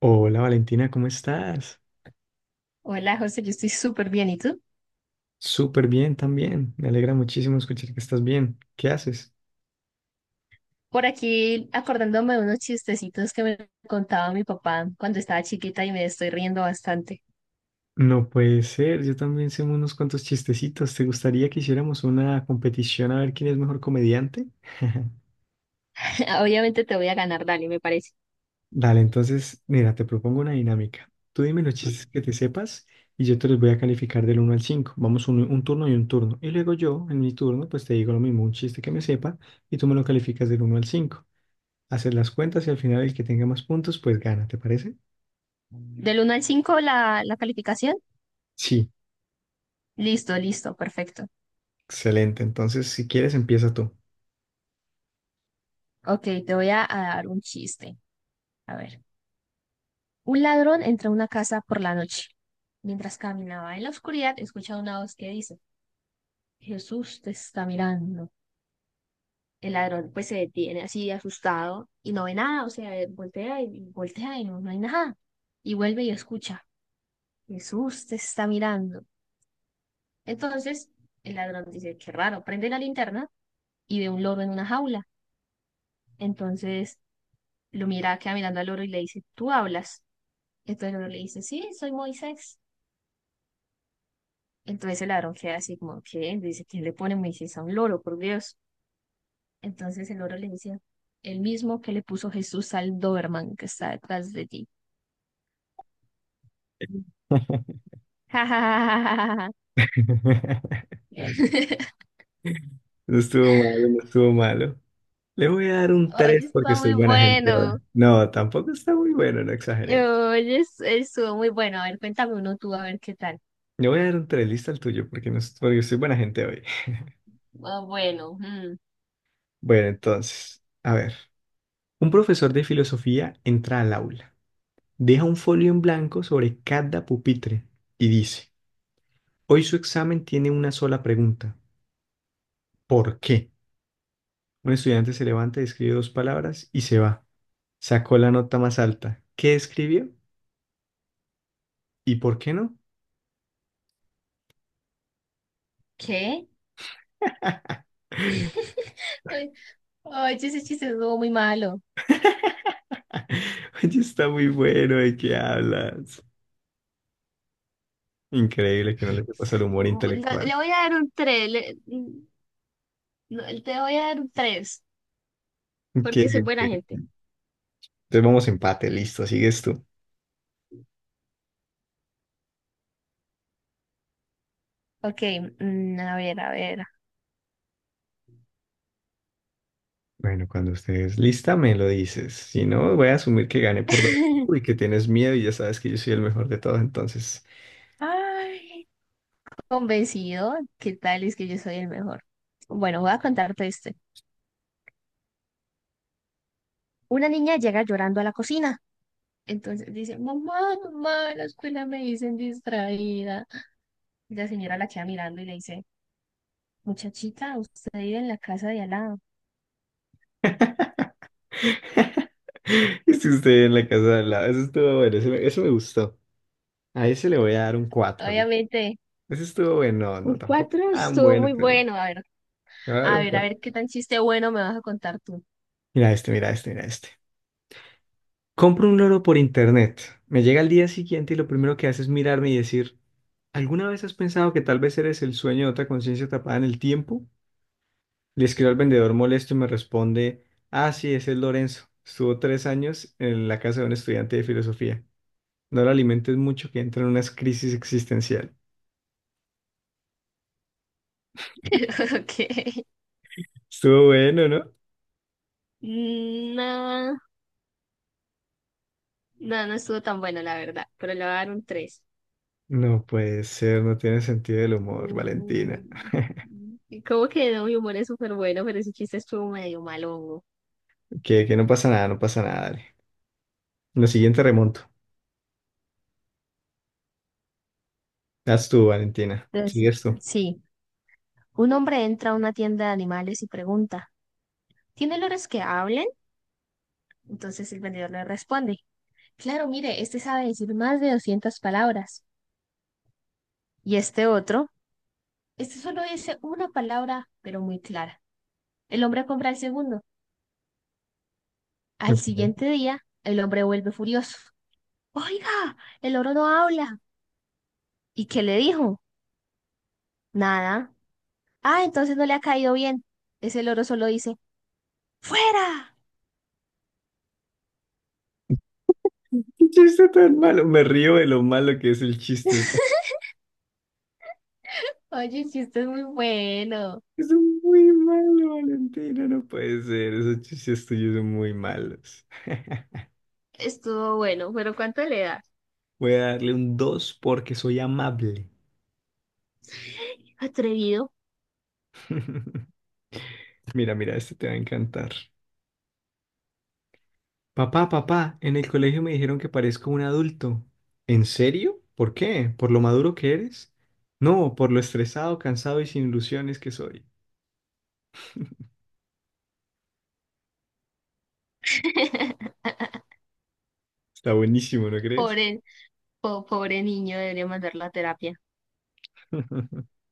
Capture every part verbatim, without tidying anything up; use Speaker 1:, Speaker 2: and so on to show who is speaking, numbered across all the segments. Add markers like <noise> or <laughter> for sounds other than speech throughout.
Speaker 1: Hola Valentina, ¿cómo estás?
Speaker 2: Hola, José, yo estoy súper bien. ¿Y tú?
Speaker 1: Súper bien también. Me alegra muchísimo escuchar que estás bien. ¿Qué haces?
Speaker 2: Por aquí acordándome de unos chistecitos que me contaba mi papá cuando estaba chiquita y me estoy riendo bastante.
Speaker 1: No puede ser, yo también sé unos cuantos chistecitos. ¿Te gustaría que hiciéramos una competición a ver quién es mejor comediante? <laughs>
Speaker 2: <laughs> Obviamente te voy a ganar, dale, me parece.
Speaker 1: Dale, entonces, mira, te propongo una dinámica. Tú dime los chistes que te sepas y yo te los voy a calificar del uno al cinco. Vamos un, un turno y un turno. Y luego yo, en mi turno, pues te digo lo mismo, un chiste que me sepa y tú me lo calificas del uno al cinco. Haces las cuentas y al final el que tenga más puntos, pues gana, ¿te parece?
Speaker 2: Del uno al cinco la, la calificación.
Speaker 1: Sí,
Speaker 2: Listo, listo, perfecto.
Speaker 1: excelente. Entonces, si quieres, empieza tú.
Speaker 2: Ok, te voy a, a dar un chiste. A ver. Un ladrón entra a una casa por la noche. Mientras caminaba en la oscuridad, escucha una voz que dice, Jesús te está mirando. El ladrón pues se detiene así asustado y no ve nada, o sea, voltea y voltea y no, no hay nada. Y vuelve y escucha, Jesús te está mirando. Entonces el ladrón dice, qué raro, prende la linterna y ve un loro en una jaula. Entonces lo mira, queda mirando al loro y le dice, ¿tú hablas? Entonces el loro le dice, sí, soy Moisés. Entonces el ladrón queda así como, ¿qué? Dice, ¿quién le pone Moisés a un loro, por Dios? Entonces el loro le dice, el mismo que le puso Jesús al Doberman que está detrás de ti.
Speaker 1: <laughs>
Speaker 2: Jajajajaja. <laughs>
Speaker 1: No estuvo malo, no estuvo malo. Le voy a dar un
Speaker 2: Oye,
Speaker 1: tres porque
Speaker 2: está muy
Speaker 1: soy buena gente
Speaker 2: bueno.
Speaker 1: ahora. No, tampoco está muy bueno, no exageremos.
Speaker 2: Oye, es- estuvo muy bueno. A ver, cuéntame uno tú, a ver qué tal.
Speaker 1: Le voy a dar un tres lista al tuyo, porque, no, es- porque soy buena gente hoy. <laughs>
Speaker 2: Ah, bueno, mm,
Speaker 1: Bueno, entonces, a ver. Un profesor de filosofía entra al aula, deja un folio en blanco sobre cada pupitre y dice, hoy su examen tiene una sola pregunta. ¿Por qué? Un estudiante se levanta, escribe dos palabras y se va. Sacó la nota más alta. ¿Qué escribió? ¿Y por qué no?
Speaker 2: ¿qué?
Speaker 1: <laughs>
Speaker 2: <laughs> Ay. Oye, ese chiste estuvo muy malo.
Speaker 1: Oye, está muy bueno, ¿de qué hablas? Increíble que no le pasa el humor
Speaker 2: Mm, Le,
Speaker 1: intelectual.
Speaker 2: le voy a dar un tres. Te voy a dar un tres,
Speaker 1: Que,
Speaker 2: porque soy buena
Speaker 1: que-
Speaker 2: gente.
Speaker 1: entonces vamos empate, listo, sigues tú.
Speaker 2: Ok, mm, a ver, a ver.
Speaker 1: Bueno, cuando estés lista me lo dices. Si no, voy a asumir que gané por dos y
Speaker 2: <laughs>
Speaker 1: que tienes miedo y ya sabes que yo soy el mejor de todos, entonces.
Speaker 2: Ay, convencido, ¿qué tal? Es que yo soy el mejor. Bueno, voy a contarte este. Una niña llega llorando a la cocina. Entonces dice, mamá, mamá, en la escuela me dicen distraída. Y la señora la queda mirando y le dice, muchachita, usted vive en la casa de al lado.
Speaker 1: <laughs> Esté usted en la casa de al lado. Eso estuvo bueno, eso me, ese me gustó. A ese le voy a dar un cuatro.
Speaker 2: Obviamente,
Speaker 1: Ese estuvo bueno, no, no,
Speaker 2: un
Speaker 1: tampoco
Speaker 2: cuatro
Speaker 1: tan
Speaker 2: estuvo
Speaker 1: bueno,
Speaker 2: muy
Speaker 1: pero
Speaker 2: bueno. A ver,
Speaker 1: le voy a dar
Speaker 2: a
Speaker 1: un
Speaker 2: ver, a
Speaker 1: cuatro.
Speaker 2: ver qué tan chiste bueno me vas a contar tú.
Speaker 1: Mira este, mira este, mira este. Compro un loro por internet. Me llega al día siguiente y lo primero que hace es mirarme y decir, ¿alguna vez has pensado que tal vez eres el sueño de otra conciencia tapada en el tiempo? Le escribo al vendedor molesto y me responde, ah, sí, ese es Lorenzo. Estuvo tres años en la casa de un estudiante de filosofía. No lo alimentes mucho que entra en unas crisis existencial.
Speaker 2: <laughs> Ok.
Speaker 1: Estuvo bueno, ¿no?
Speaker 2: Mm, no, no, no estuvo tan bueno, la verdad, pero le voy a dar un tres.
Speaker 1: No puede ser, no tiene sentido del humor, Valentina.
Speaker 2: Mm, Como que no, mi humor es súper bueno, pero ese chiste estuvo medio malongo.
Speaker 1: Que, que no pasa nada, no pasa nada, dale. Lo siguiente remonto. Haz tú, Valentina.
Speaker 2: Entonces,
Speaker 1: Sigues tú.
Speaker 2: sí. Un hombre entra a una tienda de animales y pregunta, ¿tiene olores que hablen? Entonces el vendedor le responde, claro, mire, este sabe decir más de doscientas palabras. Y este otro, este solo dice una palabra, pero muy clara. El hombre compra el segundo. Al
Speaker 1: ¿Qué
Speaker 2: siguiente día, el hombre vuelve furioso. Oiga, el loro no habla. ¿Y qué le dijo? Nada. Ah, entonces no le ha caído bien. Ese loro solo dice, ¡fuera!
Speaker 1: chiste tan malo? Me río de lo malo que es el chiste. O sea,
Speaker 2: <laughs> Oye, el chiste es muy bueno.
Speaker 1: es muy malo, Valentina. No puede ser. Esos chistes tuyos son muy malos. <laughs>
Speaker 2: Estuvo bueno, pero ¿cuánto le das?
Speaker 1: Voy a darle un dos porque soy amable.
Speaker 2: Atrevido.
Speaker 1: <laughs> Mira, mira, este te va a encantar. Papá, papá, en el colegio me dijeron que parezco un adulto. ¿En serio? ¿Por qué? ¿Por lo maduro que eres? No, por lo estresado, cansado y sin ilusiones que soy.
Speaker 2: <laughs>
Speaker 1: Está buenísimo, ¿no crees?
Speaker 2: Pobre, po- pobre niño, debería mandarlo a terapia.
Speaker 1: <laughs>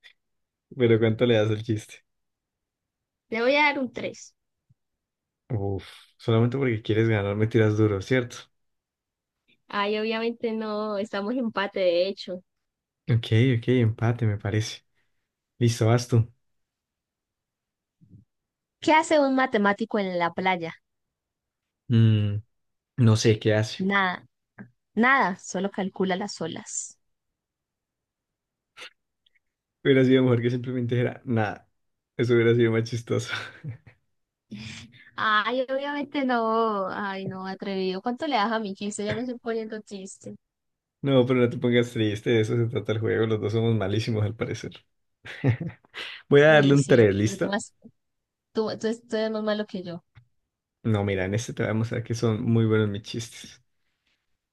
Speaker 1: Pero ¿cuánto le das al chiste?
Speaker 2: Le voy a dar un tres.
Speaker 1: Uf, solamente porque quieres ganar me tiras duro, ¿cierto?
Speaker 2: Ay, obviamente no, estamos en empate de hecho.
Speaker 1: Ok, ok, empate me parece. Listo, vas tú.
Speaker 2: ¿Qué hace un matemático en la playa?
Speaker 1: Mm, no sé qué hace.
Speaker 2: Nada, nada, solo calcula las olas.
Speaker 1: Hubiera sido mejor que simplemente dijera, nada. Eso hubiera sido más chistoso. <laughs>
Speaker 2: Ay, obviamente no. Ay, no, atrevido. ¿Cuánto le das a mi quince? Ya me estoy poniendo triste.
Speaker 1: No, pero no te pongas triste, de eso se trata el juego. Los dos somos malísimos al parecer. <laughs> Voy a darle
Speaker 2: Uy,
Speaker 1: un tres,
Speaker 2: sí, pero tú
Speaker 1: ¿listo?
Speaker 2: más, tú, tú, tú eres más malo que yo.
Speaker 1: No, mira, en este te voy a mostrar que son muy buenos mis chistes.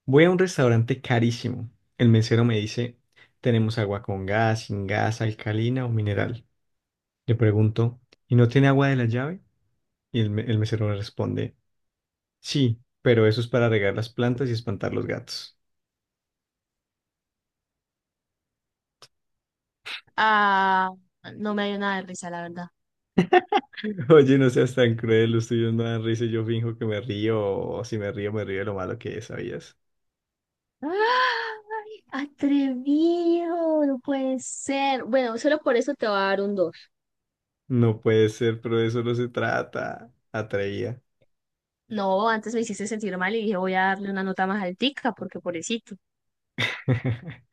Speaker 1: Voy a un restaurante carísimo. El mesero me dice, tenemos agua con gas, sin gas, alcalina o mineral. Le pregunto, ¿y no tiene agua de la llave? Y el, me- el mesero me responde, sí, pero eso es para regar las plantas y espantar los gatos.
Speaker 2: Ah, no me dio nada de risa, la verdad.
Speaker 1: <laughs> Oye, no seas tan cruel, los tuyos me dan risa y yo finjo que me río, o si me río, me río de lo malo que es, ¿sabías?
Speaker 2: ¡Ay! Atrevido, no puede ser. Bueno, solo por eso te voy a dar un dos.
Speaker 1: No puede ser, pero de eso no se trata, atraía.
Speaker 2: No, antes me hiciste sentir mal y dije voy a darle una nota más altica porque pobrecito.
Speaker 1: <laughs>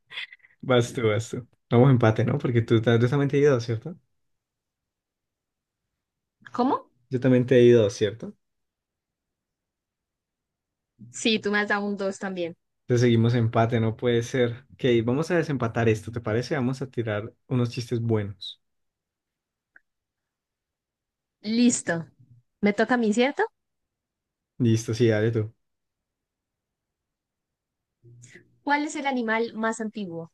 Speaker 1: Vas tú, vas tú. Vamos empate, ¿no? Porque tú, ta- tú también te he ido, ¿cierto?
Speaker 2: ¿Cómo?
Speaker 1: Yo también te he ido, ¿cierto?
Speaker 2: Sí, tú me has dado un dos también.
Speaker 1: Entonces seguimos empate, no puede ser. Ok, vamos a desempatar esto, ¿te parece? Vamos a tirar unos chistes buenos.
Speaker 2: Listo. Me toca a mí, ¿cierto?
Speaker 1: Listo, sí, dale tú.
Speaker 2: ¿Cuál es el animal más antiguo?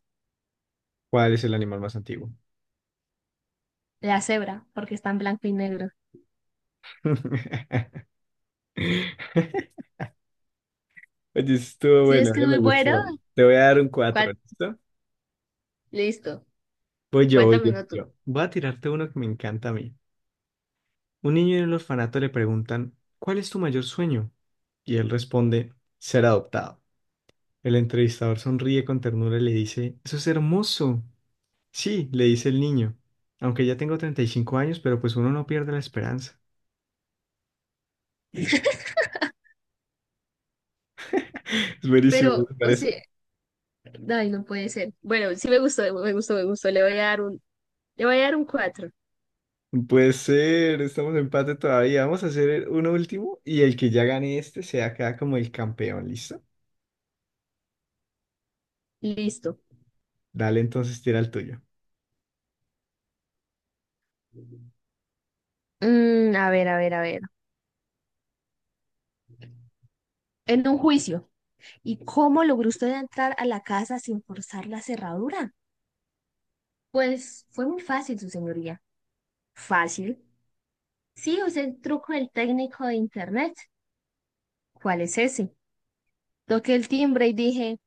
Speaker 1: ¿Cuál es el animal más antiguo?
Speaker 2: La cebra, porque está en blanco y negro.
Speaker 1: <laughs> Oye, estuvo
Speaker 2: Si
Speaker 1: bueno,
Speaker 2: ves que
Speaker 1: ya
Speaker 2: es muy
Speaker 1: me
Speaker 2: bueno.
Speaker 1: gustó. Te voy a dar un cuatro,
Speaker 2: ¿Cuál?
Speaker 1: ¿listo?
Speaker 2: Listo.
Speaker 1: Voy yo, voy yo,
Speaker 2: Cuéntamelo tú.
Speaker 1: yo. Voy a tirarte uno que me encanta a mí. Un niño en el orfanato le preguntan, ¿cuál es tu mayor sueño? Y él responde, ser adoptado. El entrevistador sonríe con ternura y le dice, eso es hermoso. Sí, le dice el niño, aunque ya tengo treinta y cinco años, pero pues uno no pierde la esperanza. <laughs> Es buenísimo, ¿no te
Speaker 2: Pero, o
Speaker 1: parece?
Speaker 2: sea, ay, no puede ser. Bueno, sí me gustó, me gustó, me gustó. Le voy a dar un, le voy a dar un cuatro.
Speaker 1: Puede ser, estamos en empate todavía. Vamos a hacer uno último y el que ya gane este se acá como el campeón, ¿listo?
Speaker 2: Listo.
Speaker 1: Dale, entonces tira el tuyo.
Speaker 2: Mm, a ver, a ver, a ver. En un juicio. ¿Y cómo logró usted entrar a la casa sin forzar la cerradura? Pues fue muy fácil, su señoría. Fácil. Sí, usé el truco del técnico de internet. ¿Cuál es ese? Toqué el timbre y dije,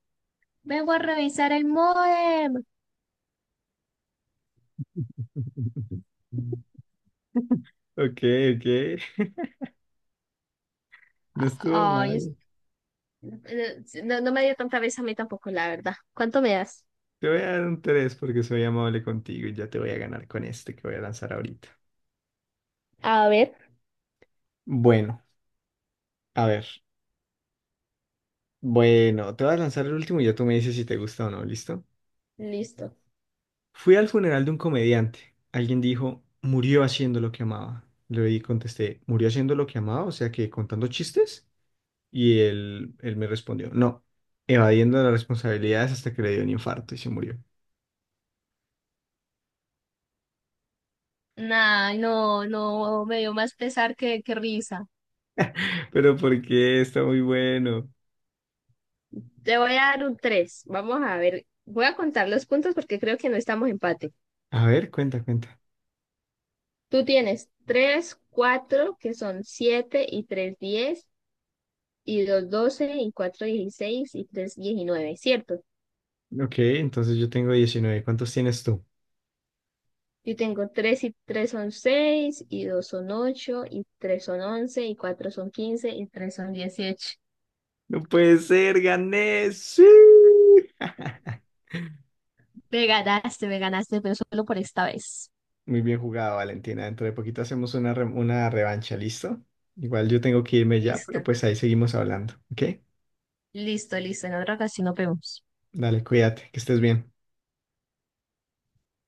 Speaker 2: vengo a revisar el módem.
Speaker 1: <laughs> Ok, ok. No
Speaker 2: A-
Speaker 1: estuvo
Speaker 2: Ay, es-
Speaker 1: mal.
Speaker 2: eh, sí, no, no me dio tanta vez a mí tampoco, la verdad. ¿Cuánto me das?
Speaker 1: Te voy a dar un tres porque soy amable contigo y ya te voy a ganar con este que voy a lanzar ahorita.
Speaker 2: A ver.
Speaker 1: Bueno, a ver. Bueno, te voy a lanzar el último y ya tú me dices si te gusta o no, ¿listo?
Speaker 2: Listo.
Speaker 1: Fui al funeral de un comediante. Alguien dijo, murió haciendo lo que amaba. Le di- contesté, ¿murió haciendo lo que amaba? O sea que contando chistes. Y él, él me respondió, no, evadiendo las responsabilidades hasta que le dio un infarto y se murió.
Speaker 2: Nah, no, no, me dio más pesar que, que risa.
Speaker 1: <laughs> Pero ¿por qué? Está muy bueno.
Speaker 2: Te voy a dar un tres. Vamos a ver. Voy a contar los puntos porque creo que no estamos empate.
Speaker 1: A ver, cuenta, cuenta.
Speaker 2: Tú tienes tres, cuatro, que son siete y tres, diez y dos, doce y cuatro, dieciséis y tres, diecinueve. ¿Cierto?
Speaker 1: Ok, entonces yo tengo diecinueve. ¿Cuántos tienes tú?
Speaker 2: Yo tengo tres y tres son seis y dos son ocho y tres son once y cuatro son quince y tres son dieciocho.
Speaker 1: No puede ser, gané. Sí. <laughs>
Speaker 2: Me ganaste, me ganaste, pero solo por esta vez.
Speaker 1: Muy bien jugado, Valentina. Dentro de poquito hacemos una, re- una revancha, ¿listo? Igual yo tengo que irme ya, pero
Speaker 2: Listo,
Speaker 1: pues ahí seguimos hablando, ¿ok?
Speaker 2: listo, listo. En otra ocasión nos vemos.
Speaker 1: Dale, cuídate, que estés bien.